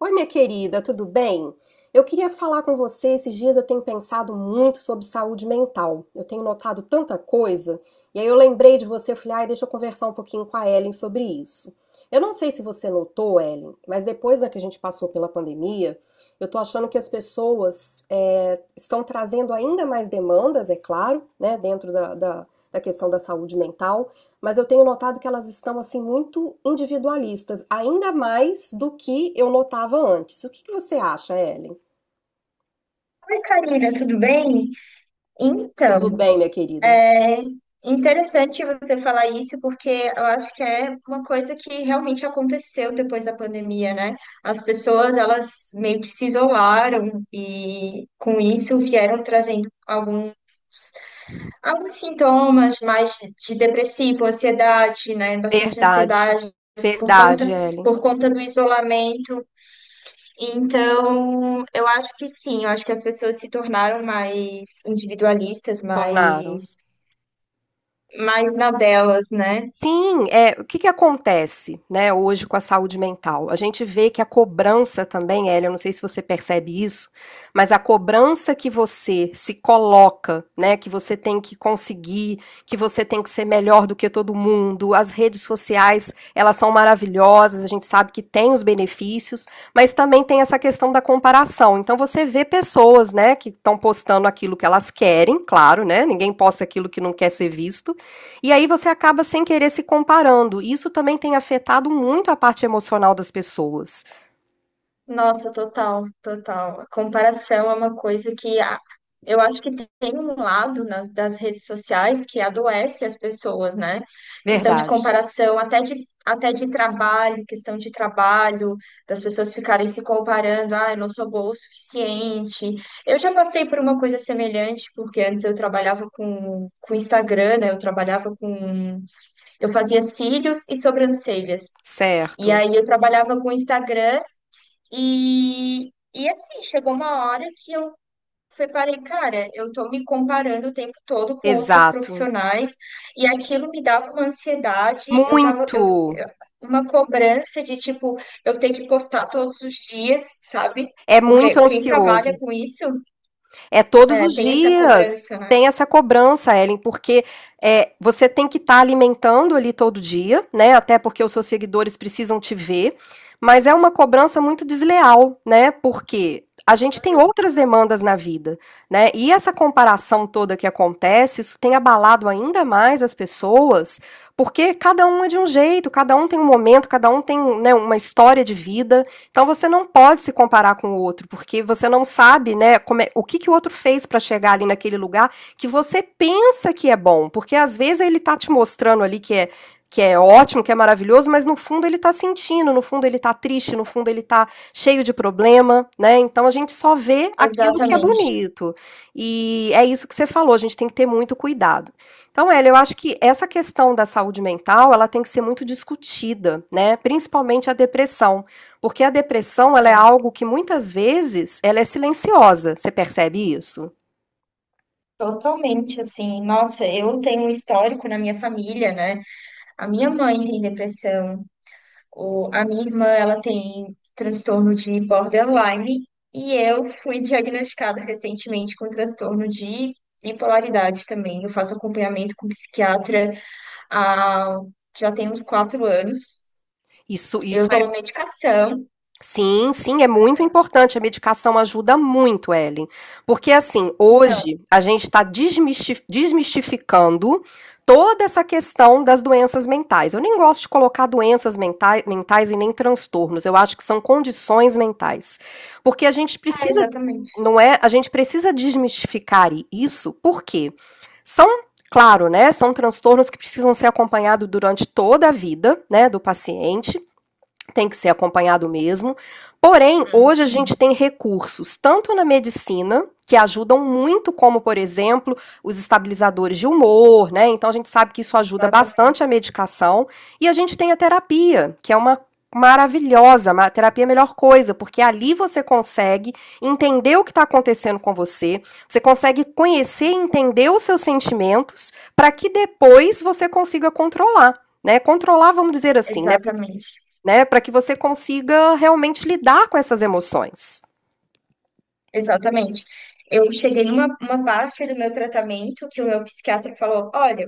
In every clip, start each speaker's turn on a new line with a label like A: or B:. A: Oi, minha querida, tudo bem? Eu queria falar com você. Esses dias eu tenho pensado muito sobre saúde mental. Eu tenho notado tanta coisa, e aí eu lembrei de você, eu falei, ai, deixa eu conversar um pouquinho com a Ellen sobre isso. Eu não sei se você notou, Ellen, mas depois da que a gente passou pela pandemia, eu tô achando que as pessoas estão trazendo ainda mais demandas, é claro, né, dentro da questão da saúde mental, mas eu tenho notado que elas estão assim muito individualistas, ainda mais do que eu notava antes. O que que você acha, Ellen?
B: Oi, Karina, tudo bem?
A: Tudo
B: Então,
A: bem, minha querida?
B: é interessante você falar isso porque eu acho que é uma coisa que realmente aconteceu depois da pandemia, né? As pessoas, elas meio que se isolaram e com isso vieram trazendo alguns sintomas mais de depressivo, ansiedade, né? Bastante
A: Verdade,
B: ansiedade por
A: verdade,
B: conta,
A: Ellen.
B: por conta do isolamento. Então, eu acho que sim, eu acho que as pessoas se tornaram mais individualistas,
A: Tornaram.
B: mais, mais na delas, né?
A: Sim, o que que acontece, né, hoje com a saúde mental? A gente vê que a cobrança também, Hélio, eu não sei se você percebe isso, mas a cobrança que você se coloca, né, que você tem que conseguir, que você tem que ser melhor do que todo mundo, as redes sociais, elas são maravilhosas, a gente sabe que tem os benefícios, mas também tem essa questão da comparação. Então você vê pessoas, né, que estão postando aquilo que elas querem, claro, né, ninguém posta aquilo que não quer ser visto, e aí você acaba sem querer se comparando. Isso também tem afetado muito a parte emocional das pessoas.
B: Nossa, total, total. A comparação é uma coisa que eu acho que tem um lado nas, das redes sociais que adoece as pessoas, né? Questão de
A: Verdade.
B: comparação, até de trabalho, questão de trabalho, das pessoas ficarem se comparando, ah, eu não sou boa o suficiente. Eu já passei por uma coisa semelhante, porque antes eu trabalhava com Instagram, né? Eu trabalhava com. Eu fazia cílios e sobrancelhas. E
A: Certo.
B: aí eu trabalhava com Instagram. E, e assim, chegou uma hora que eu reparei, cara, eu tô me comparando o tempo todo com outras
A: Exato.
B: profissionais e aquilo me dava uma ansiedade, eu tava,
A: Muito.
B: uma cobrança de tipo, eu ter que postar todos os dias, sabe?
A: É
B: Porque
A: muito
B: quem trabalha
A: ansioso.
B: com isso,
A: É todos os
B: tem essa
A: dias.
B: cobrança, né?
A: Tem essa cobrança, Ellen, porque você tem que estar alimentando ali todo dia, né? Até porque os seus seguidores precisam te ver. Mas é uma cobrança muito desleal, né? Porque a gente tem outras demandas na vida, né? E essa comparação toda que acontece, isso tem abalado ainda mais as pessoas, porque cada um é de um jeito, cada um tem um momento, cada um tem, né, uma história de vida. Então você não pode se comparar com o outro, porque você não sabe, né, como é, o que, que o outro fez para chegar ali naquele lugar que você pensa que é bom, porque às vezes ele tá te mostrando ali que é ótimo, que é maravilhoso, mas no fundo ele tá sentindo, no fundo ele tá triste, no fundo ele tá cheio de problema, né? Então a gente só vê aquilo que é
B: Exatamente.
A: bonito. E é isso que você falou, a gente tem que ter muito cuidado. Então, Ela, eu acho que essa questão da saúde mental, ela tem que ser muito discutida, né? Principalmente a depressão, porque a depressão, ela é
B: É,
A: algo que muitas vezes ela é silenciosa. Você percebe isso?
B: Totalmente assim. Nossa, eu tenho um histórico na minha família, né? A minha mãe tem depressão. A minha irmã, ela tem transtorno de borderline e eu fui diagnosticada recentemente com transtorno de bipolaridade também. Eu faço acompanhamento com psiquiatra há, já tem uns 4 anos.
A: Isso,
B: Eu
A: isso é.
B: tomo medicação.
A: Sim, sim, é muito importante. A medicação ajuda muito, Ellen. Porque, assim,
B: Então,
A: hoje a gente está desmistificando toda essa questão das doenças mentais. Eu nem gosto de colocar doenças mentais e nem transtornos. Eu acho que são condições mentais. Porque a gente precisa,
B: exatamente.
A: não é? A gente precisa desmistificar isso, porque são. Claro, né? São transtornos que precisam ser acompanhados durante toda a vida, né, do paciente, tem que ser acompanhado mesmo. Porém, hoje a
B: Uhum.
A: gente tem recursos tanto na medicina, que ajudam muito, como por exemplo, os estabilizadores de humor, né? Então a gente sabe que isso ajuda bastante
B: Exatamente,
A: a medicação, e a gente tem a terapia, que é uma maravilhosa, a terapia é a melhor coisa, porque ali você consegue entender o que está acontecendo com você, você consegue conhecer e entender os seus sentimentos para que depois você consiga controlar. Né, controlar, vamos dizer assim, né?
B: exatamente,
A: Né? Para que você consiga realmente lidar com essas emoções.
B: exatamente. Eu cheguei numa uma parte do meu tratamento que o meu psiquiatra falou: olha,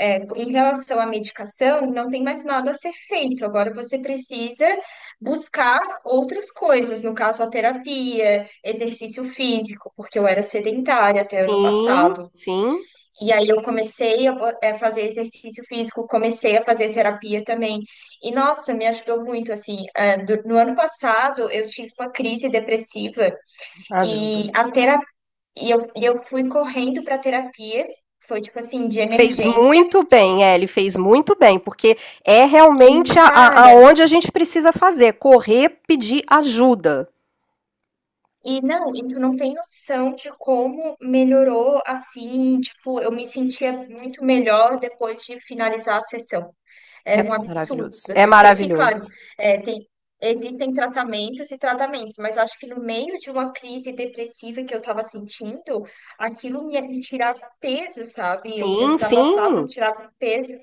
B: Em relação à medicação, não tem mais nada a ser feito. Agora você precisa buscar outras coisas, no caso a terapia, exercício físico, porque eu era sedentária até ano
A: Sim,
B: passado.
A: sim.
B: E aí eu comecei a fazer exercício físico, comecei a fazer terapia também. E nossa, me ajudou muito assim. No ano passado eu tive uma crise depressiva
A: Ajuda.
B: e a terapia, e eu fui correndo para terapia. Foi tipo assim, de
A: Fez
B: emergência.
A: muito bem, Ellie, fez muito bem, porque é
B: E,
A: realmente
B: cara,
A: aonde a gente precisa fazer, correr, pedir ajuda.
B: e não, e tu não tem noção de como melhorou assim, tipo, eu me sentia muito melhor depois de finalizar a sessão. Era um
A: É
B: absurdo,
A: maravilhoso. É
B: assim, eu sei que, claro,
A: maravilhoso.
B: é, tem, existem tratamentos e tratamentos, mas eu acho que no meio de uma crise depressiva que eu tava sentindo, aquilo me tirava peso, sabe? Eu
A: Sim,
B: desabafava, eu
A: sim.
B: tirava peso.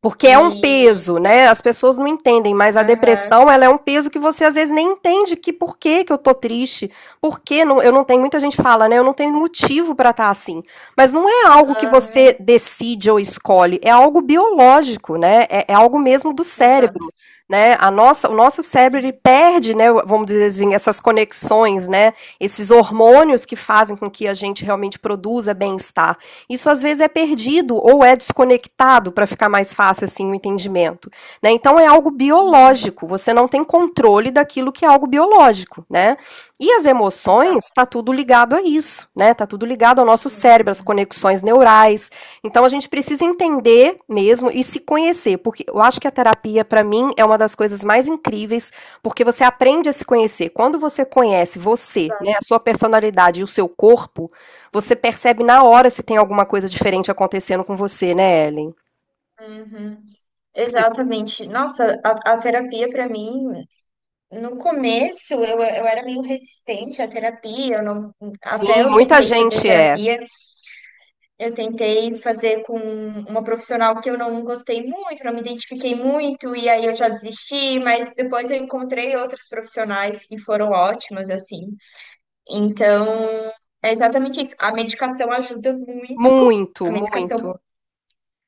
A: Porque é um
B: E,
A: peso, né? As pessoas não entendem, mas a
B: aham,
A: depressão, ela é um peso que você às vezes nem entende, que por que que eu tô triste, por que não, eu não tenho, muita gente fala, né? Eu não tenho motivo para estar assim. Mas não é algo que você
B: aham,
A: decide ou escolhe, é algo biológico, né? É, é algo mesmo do
B: exato,
A: cérebro, né? A nossa, o nosso cérebro, ele
B: sim,
A: perde, né, vamos dizer assim, essas conexões, né? Esses hormônios que fazem com que a gente realmente produza bem-estar. Isso às vezes é perdido ou é desconectado para ficar mais fácil assim o entendimento, né? Então é algo
B: uhum,
A: biológico, você não tem controle daquilo que é algo biológico, né? E as emoções
B: exato,
A: está tudo ligado a isso, né? Tá tudo ligado ao nosso cérebro, às
B: uhum,
A: conexões neurais. Então a gente precisa entender mesmo e se conhecer, porque eu acho que a terapia para mim é uma das coisas mais incríveis, porque você aprende a se conhecer. Quando você conhece você, né,
B: exato,
A: a sua personalidade e o seu corpo, você percebe na hora se tem alguma coisa diferente acontecendo com você, né, Ellen?
B: uhum. Exatamente. Nossa, a terapia para mim, no começo eu era meio resistente à terapia, eu não, até
A: Sim,
B: eu
A: muita
B: tentei fazer
A: gente é.
B: terapia, eu tentei fazer com uma profissional que eu não gostei muito, não me identifiquei muito, e aí eu já desisti, mas depois eu encontrei outras profissionais que foram ótimas, assim. Então, é exatamente isso. A medicação ajuda muito.
A: Muito,
B: A
A: muito.
B: medicação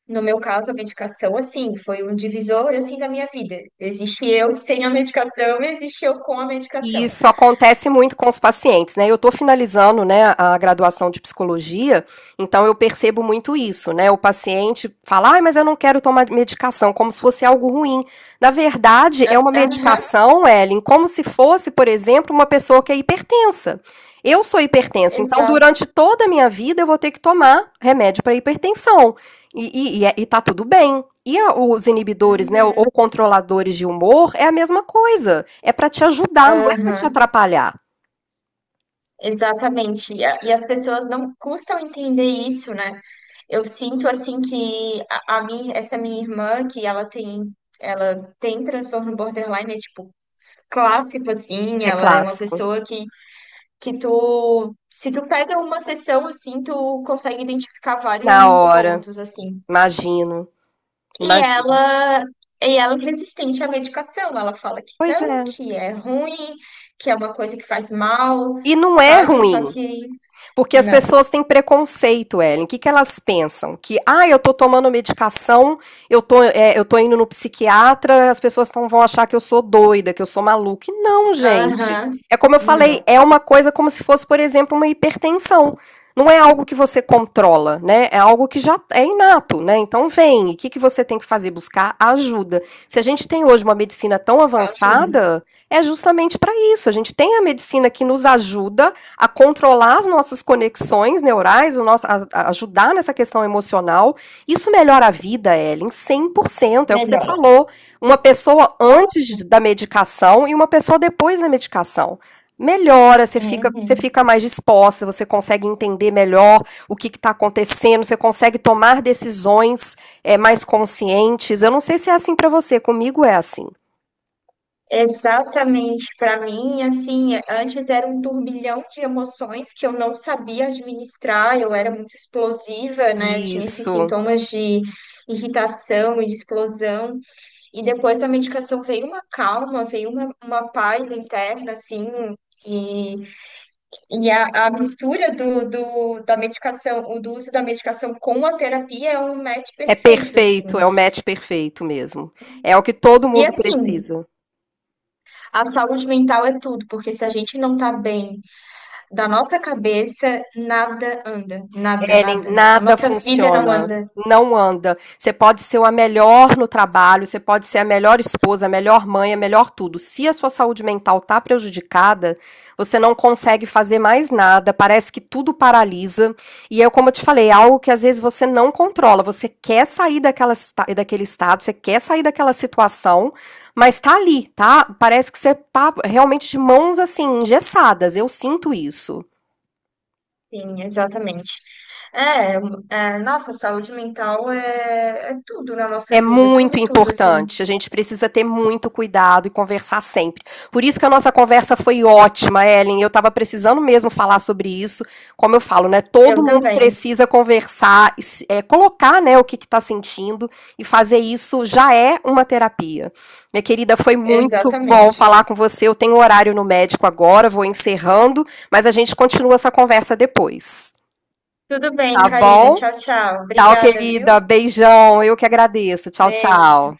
B: no meu caso, a medicação, assim, foi um divisor, assim, da minha vida. Existe eu sem a medicação, existe eu com a
A: E
B: medicação.
A: isso acontece muito com os pacientes, né? Eu estou finalizando, né, a graduação de psicologia, então eu percebo muito isso, né? O paciente fala, ah, mas eu não quero tomar medicação, como se fosse algo ruim. Na verdade, é uma
B: Aham,
A: medicação, Ellen, como se fosse, por exemplo, uma pessoa que é hipertensa. Eu sou hipertensa, então
B: exato.
A: durante toda a minha vida eu vou ter que tomar remédio para hipertensão. E, tá tudo bem. E a- os inibidores, né, ou
B: Uhum,
A: controladores de humor, é a mesma coisa. É pra te ajudar, não é pra te
B: aham,
A: atrapalhar.
B: exatamente. E, a- e as pessoas não custam entender isso, né? Eu sinto, assim, que a minha, essa minha irmã, que ela tem... Ela tem transtorno borderline, é tipo clássico, assim.
A: É
B: Ela é uma
A: clássico.
B: pessoa que tu, se tu pega uma sessão assim, tu consegue identificar
A: Na
B: vários
A: hora,
B: pontos assim.
A: imagino,
B: E
A: imagino.
B: ela, e ela é resistente à medicação. Ela fala que
A: Pois
B: não,
A: é.
B: que é ruim, que é uma coisa que faz mal,
A: E não é
B: sabe? Só
A: ruim.
B: que
A: Porque as
B: não.
A: pessoas têm preconceito, Ellen. O que, que elas pensam? Que, ah, eu tô tomando medicação, eu tô, eu tô indo no psiquiatra, as pessoas vão achar que eu sou doida, que eu sou maluca. E não, gente.
B: Aham,
A: É como eu falei,
B: não.
A: é uma coisa como se fosse, por exemplo, uma hipertensão. Não é algo que você controla, né? É algo que já é inato, né? Então vem, o que, que você tem que fazer? Buscar ajuda. Se a gente tem hoje uma medicina tão
B: Só ajuda.
A: avançada, é justamente para isso. A gente tem a medicina que nos ajuda a controlar as nossas conexões neurais, o nosso, a ajudar nessa questão emocional. Isso melhora a vida, Ellen, 100% é o que você
B: Melhora.
A: falou. Uma pessoa
B: Nossa.
A: antes da medicação e uma pessoa depois da medicação. Melhora, você
B: Uhum.
A: fica mais disposta, você consegue entender melhor o que está acontecendo, você consegue tomar decisões mais conscientes. Eu não sei se é assim para você, comigo é assim.
B: Exatamente, para mim, assim, antes era um turbilhão de emoções que eu não sabia administrar, eu era muito explosiva, né? Eu tinha esses
A: Isso.
B: sintomas de irritação e de explosão. E depois da medicação veio uma calma, veio uma paz interna, assim, e, e a mistura da medicação, o do uso da medicação com a terapia é um match
A: É
B: perfeito, assim.
A: perfeito, é o match perfeito mesmo. É o que todo
B: E
A: mundo
B: assim,
A: precisa.
B: a saúde mental é tudo, porque se a gente não tá bem da nossa cabeça, nada anda, nada,
A: Ellen,
B: nada, nada. A
A: nada
B: nossa vida não
A: funciona.
B: anda.
A: Não anda. Você pode ser a melhor no trabalho, você pode ser a melhor esposa, a melhor mãe, a melhor tudo. Se a sua saúde mental tá prejudicada, você não consegue fazer mais nada, parece que tudo paralisa. E é como eu te falei, é algo que às vezes você não controla. Você quer sair daquela, daquele estado, você quer sair daquela situação, mas tá ali, tá? Parece que você tá realmente de mãos assim, engessadas. Eu sinto isso.
B: Sim, exatamente. É, é, nossa, saúde mental é, é tudo na nossa
A: É
B: vida,
A: muito
B: tudo, tudo, assim.
A: importante. A gente precisa ter muito cuidado e conversar sempre. Por isso que a nossa conversa foi ótima, Ellen. Eu estava precisando mesmo falar sobre isso. Como eu falo, né? Todo
B: Eu
A: mundo
B: também.
A: precisa conversar, é, colocar, né, o que está sentindo e fazer isso já é uma terapia. Minha querida, foi muito bom
B: Exatamente.
A: falar com você. Eu tenho horário no médico agora, vou encerrando, mas a gente continua essa conversa depois.
B: Tudo bem,
A: Tá
B: Karina.
A: bom?
B: Tchau, tchau.
A: Tchau,
B: Obrigada, viu?
A: querida. Beijão. Eu que agradeço. Tchau,
B: Beijo.
A: tchau.